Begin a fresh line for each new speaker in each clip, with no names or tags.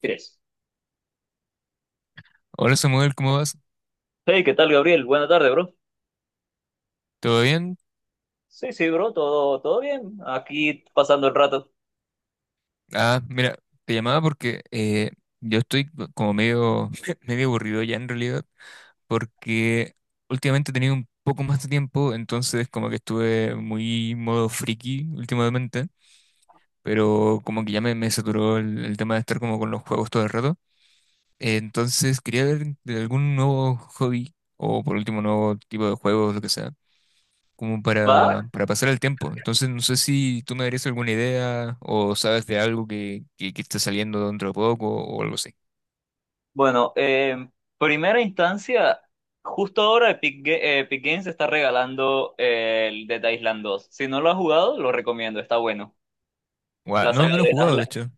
Tres.
Hola Samuel, ¿cómo vas?
Hey, ¿qué tal, Gabriel? Buena tarde, bro.
¿Todo bien?
Sí, sí, bro, todo bien. Aquí pasando el rato.
Ah, mira, te llamaba porque yo estoy como medio, medio aburrido ya en realidad, porque últimamente he tenido un poco más de tiempo, entonces como que estuve muy modo friki últimamente, pero como que ya me saturó el tema de estar como con los juegos todo el rato. Entonces quería ver de algún nuevo hobby o por último nuevo tipo de juegos, lo que sea. Como
¿Va?
para pasar el tiempo. Entonces, no sé si tú me darías alguna idea o sabes de algo que está saliendo dentro de poco o algo así.
Bueno, en primera instancia, justo ahora Epic Games está regalando el Dead Island dos. Si no lo has jugado, lo recomiendo, está bueno.
Guau,
La saga
no lo he
de Dead
jugado, de
Island,
hecho.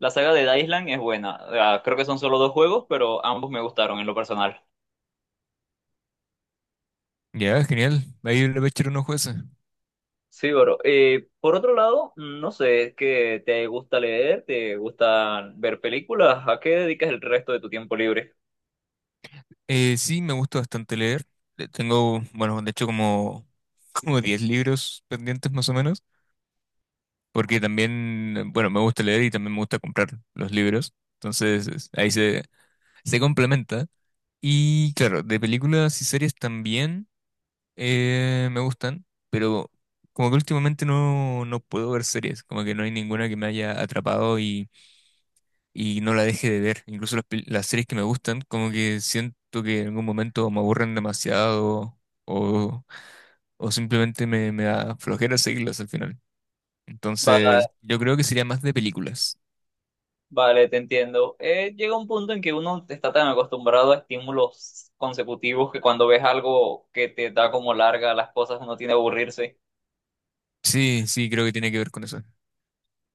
la saga de Dead Island es buena. Ah, creo que son solo dos juegos, pero ambos me gustaron en lo personal.
Ya, genial. Ahí le voy a echar un ojo.
Sí, bro. Por otro lado, no sé, es que te gusta leer, te gusta ver películas, ¿a qué dedicas el resto de tu tiempo libre?
Sí, me gusta bastante leer. Tengo, bueno, de hecho como, como 10 libros pendientes más o menos, porque también, bueno, me gusta leer y también me gusta comprar los libros. Entonces, ahí se, se complementa. Y claro, de películas y series también. Me gustan, pero como que últimamente no puedo ver series, como que no hay ninguna que me haya atrapado y no la deje de ver. Incluso las series que me gustan, como que siento que en algún momento me aburren demasiado o, o simplemente me da flojera seguirlas al final. Entonces,
Va-
yo creo que sería más de películas.
Vale, te entiendo. Llega un punto en que uno está tan acostumbrado a estímulos consecutivos que cuando ves algo que te da como larga las cosas, uno tiene que aburrirse.
Sí, sí, creo que tiene que ver con eso.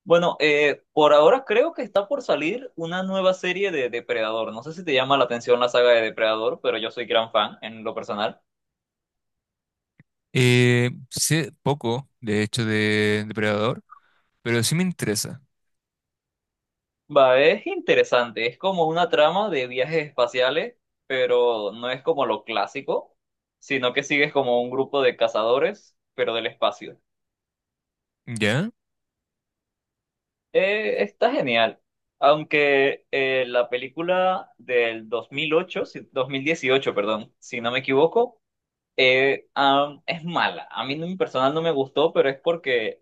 Bueno, por ahora creo que está por salir una nueva serie de Depredador. No sé si te llama la atención la saga de Depredador, pero yo soy gran fan en lo personal.
Sé poco, de hecho, de Depredador, pero sí me interesa.
Va, es interesante, es como una trama de viajes espaciales, pero no es como lo clásico, sino que sigues como un grupo de cazadores, pero del espacio.
¿Ya?
Está genial, aunque la película del 2008, si- 2018, perdón, si no me equivoco, es mala. A mí en personal no me gustó, pero es porque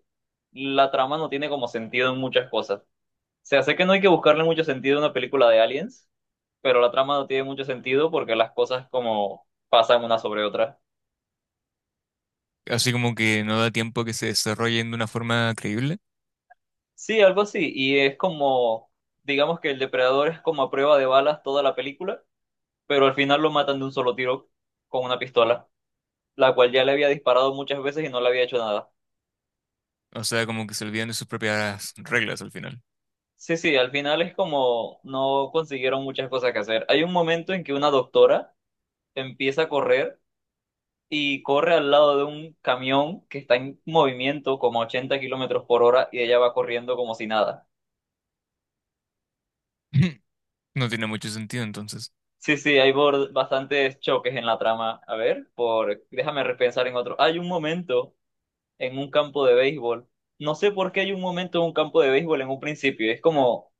la trama no tiene como sentido en muchas cosas. Sea, sé que no hay que buscarle mucho sentido a una película de aliens, pero la trama no tiene mucho sentido porque las cosas como pasan una sobre otra.
Así como que no da tiempo a que se desarrollen de una forma creíble.
Sí, algo así, y es como, digamos que el depredador es como a prueba de balas toda la película, pero al final lo matan de un solo tiro con una pistola, la cual ya le había disparado muchas veces y no le había hecho nada.
O sea, como que se olvidan de sus propias reglas al final.
Sí, sí, al final es como no consiguieron muchas cosas que hacer. Hay un momento en que una doctora empieza a correr y corre al lado de un camión que está en movimiento como a 80 kilómetros por hora y ella va corriendo como si nada.
No tiene mucho sentido entonces.
Sí, sí, hay bastantes choques en la trama. A ver, por, déjame repensar en otro. Hay un momento en un campo de béisbol. No sé por qué hay un momento en un campo de béisbol en un principio. Es como,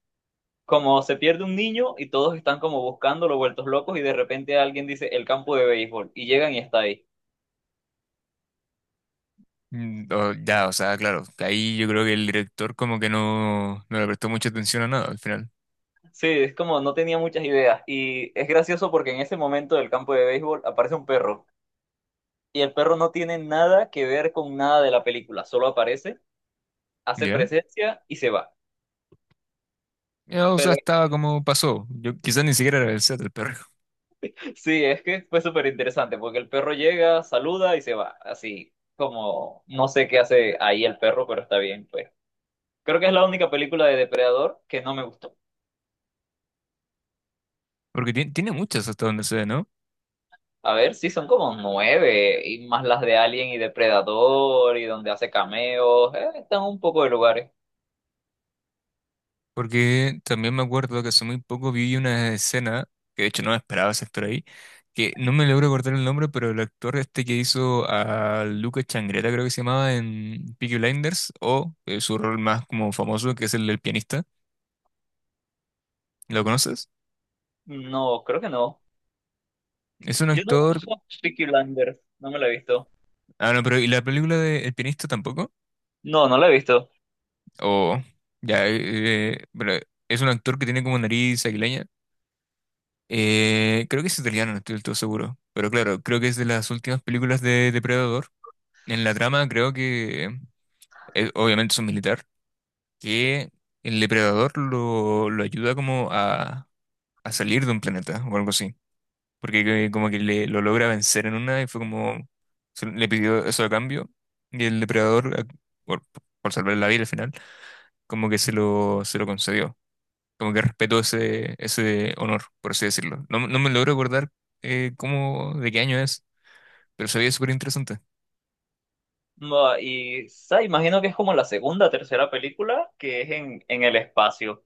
como se pierde un niño y todos están como buscándolo, vueltos locos, y de repente alguien dice el campo de béisbol y llegan y está ahí.
Mm, ya, o sea, claro, ahí yo creo que el director como que no le prestó mucha atención a nada al final.
Sí, es como no tenía muchas ideas. Y es gracioso porque en ese momento del campo de béisbol aparece un perro. Y el perro no tiene nada que ver con nada de la película. Solo aparece, hace
¿Ya?
presencia y se va.
Ya, o sea,
Pero
estaba como pasó. Yo quizás ni siquiera era el set del perro.
sí, es que fue súper interesante porque el perro llega, saluda y se va. Así como no sé qué hace ahí el perro, pero está bien, pues. Creo que es la única película de Depredador que no me gustó.
Porque tiene muchas hasta donde se ve, ¿no?
A ver, sí, son como nueve y más las de Alien y Depredador y donde hace cameos. Están un poco de lugares.
Porque también me acuerdo que hace muy poco vi una escena, que de hecho no me esperaba ese actor ahí, que no me logro acordar el nombre, pero el actor este que hizo a Lucas Changreta, creo que se llamaba en Peaky Blinders, o su rol más como famoso, que es el del pianista. ¿Lo conoces?
No, creo que no.
Es un
Yo no he
actor.
visto Peaky Blinders, no me la he visto.
Ah, no, pero ¿y la película de El pianista tampoco?
No, no la he visto.
O. Ya, pero es un actor que tiene como nariz aguileña. Creo que es italiano, no estoy del todo seguro. Pero claro, creo que es de las últimas películas de Depredador. En la trama creo que obviamente es un militar, que el depredador lo ayuda como a salir de un planeta o algo así, porque como que lo logra vencer en una y fue como, le pidió eso a cambio y el depredador, por, por salvar la vida al final, como que se lo concedió, como que respetó ese honor, por así decirlo. No, no me logro acordar de qué año es, pero sabía súper interesante.
No, y sa, imagino que es como la segunda, tercera película que es en el espacio.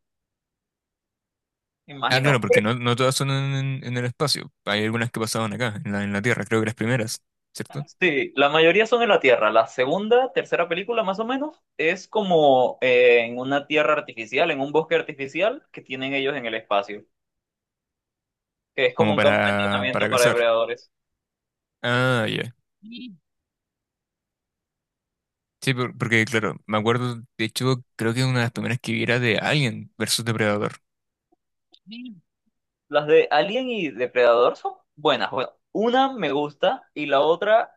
Ah,
Imagino.
claro, porque no todas son en el espacio. Hay algunas que pasaban acá, en en la Tierra, creo que las primeras, ¿cierto?
Sí, la mayoría son en la Tierra. La segunda, tercera película más o menos es como en una tierra artificial, en un bosque artificial que tienen ellos en el espacio, que es como
Como
un campo de entrenamiento
para
para
cazar.
depredadores.
Ah, ya. Sí, porque claro, me acuerdo, de hecho, creo que una de las primeras que vi era de Alien versus Depredador.
Las de Alien y Depredador son buenas. Bueno, una me gusta y la otra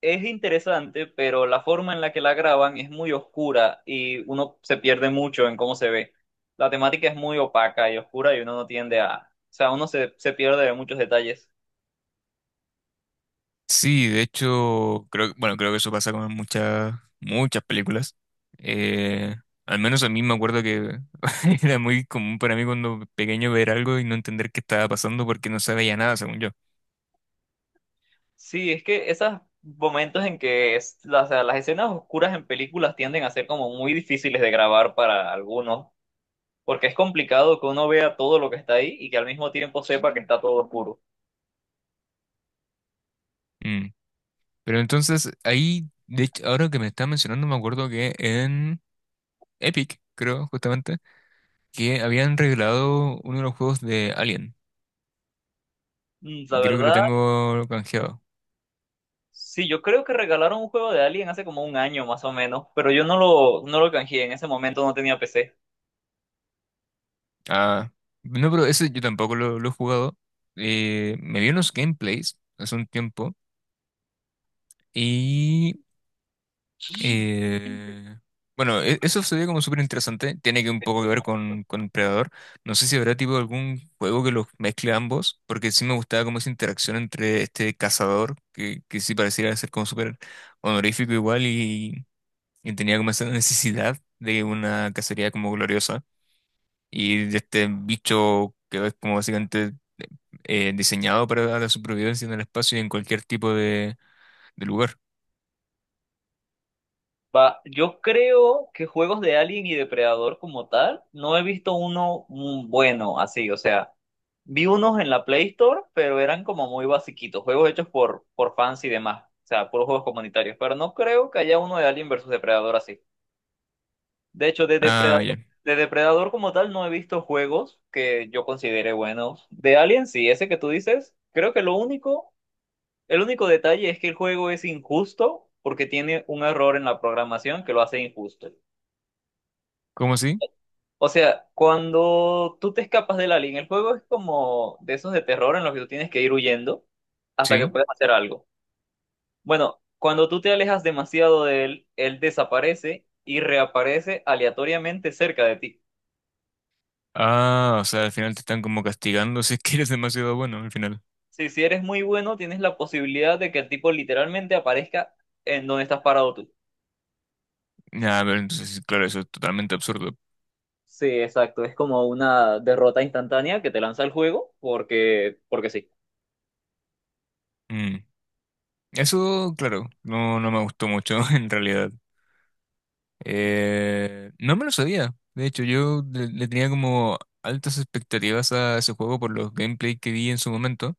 es interesante, pero la forma en la que la graban es muy oscura y uno se pierde mucho en cómo se ve. La temática es muy opaca y oscura y uno no tiende a... O sea, uno se pierde de muchos detalles.
Sí, de hecho, creo, bueno, creo que eso pasa con muchas películas. Eh, Al menos a mí me acuerdo que era muy común para mí cuando pequeño ver algo y no entender qué estaba pasando porque no sabía nada, según yo.
Sí, es que esos momentos en que o sea, las escenas oscuras en películas tienden a ser como muy difíciles de grabar para algunos, porque es complicado que uno vea todo lo que está ahí y que al mismo tiempo sepa que está todo oscuro.
Mm. Pero entonces ahí, de hecho, ahora que me estás mencionando, me acuerdo que en Epic, creo, justamente, que habían regalado uno de los juegos de Alien.
Mm, la
Y creo que lo
verdad,
tengo canjeado.
sí, yo creo que regalaron un juego de Alien hace como un año más o menos, pero yo no lo canjeé, en ese momento no tenía PC.
Ah, no, pero ese yo tampoco lo he jugado. Me vi unos gameplays hace un tiempo. Y Eh, bueno, eso sería como súper interesante. Tiene que un poco que ver con Predador. No sé si habrá tipo algún juego que los mezcle ambos, porque sí me gustaba como esa interacción entre este cazador, que sí pareciera ser como súper honorífico igual y tenía como esa necesidad de una cacería como gloriosa. Y de este bicho que es como básicamente diseñado para la supervivencia en el espacio y en cualquier tipo de lugar.
Va, yo creo que juegos de Alien y Depredador como tal, no he visto uno, bueno, así, o sea, vi unos en la Play Store, pero eran como muy basiquitos, juegos hechos por fans y demás, o sea, puros juegos comunitarios, pero no creo que haya uno de Alien versus Depredador así. De hecho, de
Ah,
Depredador,
ya.
de Depredador como tal no he visto juegos que yo considere buenos. De Alien, sí, ese que tú dices, creo que lo único, el único detalle es que el juego es injusto porque tiene un error en la programación que lo hace injusto.
¿Cómo así?
O sea, cuando tú te escapas del alien, el juego es como de esos de terror en los que tú tienes que ir huyendo hasta que
Sí.
puedas hacer algo. Bueno, cuando tú te alejas demasiado de él, él desaparece y reaparece aleatoriamente cerca de ti.
Ah, o sea, al final te están como castigando si es que eres demasiado bueno al final.
Si si eres muy bueno, tienes la posibilidad de que el tipo literalmente aparezca en donde estás parado tú.
Ya, pero entonces, sí, claro, eso es totalmente absurdo.
Sí, exacto. Es como una derrota instantánea que te lanza el juego porque, porque sí.
Mm. Eso, claro, no me gustó mucho en realidad. No me lo sabía. De hecho, yo le tenía como altas expectativas a ese juego por los gameplay que vi en su momento.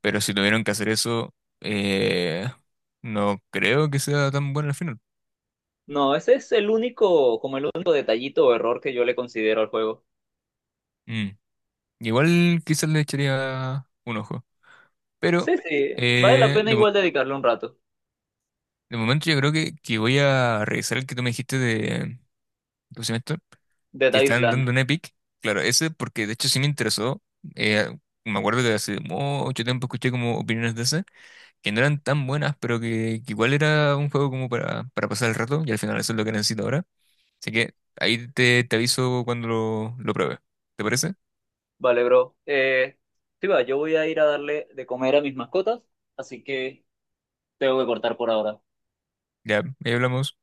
Pero si tuvieron que hacer eso, eh, no creo que sea tan bueno al final.
No, ese es el único, como el único detallito o error que yo le considero al juego.
Mm. Igual quizás le echaría un ojo. Pero...
Sí, sí, vale la
Eh,
pena
de
igual dedicarle un rato.
De momento yo creo que voy a revisar el que tú me dijiste de, ¿cómo se llama esto?
Dead
Que están dando
Island.
en Epic. Claro, ese porque de hecho sí me interesó. Eh, Me acuerdo que hace mucho tiempo escuché como opiniones de ese, que no eran tan buenas, pero que igual era un juego como para pasar el rato y al final eso es lo que necesito ahora. Así que ahí te, te aviso cuando lo pruebe. ¿Te parece?
Vale, bro. Sí, va, yo voy a ir a darle de comer a mis mascotas, así que tengo que cortar por ahora.
Ya, ahí hablamos.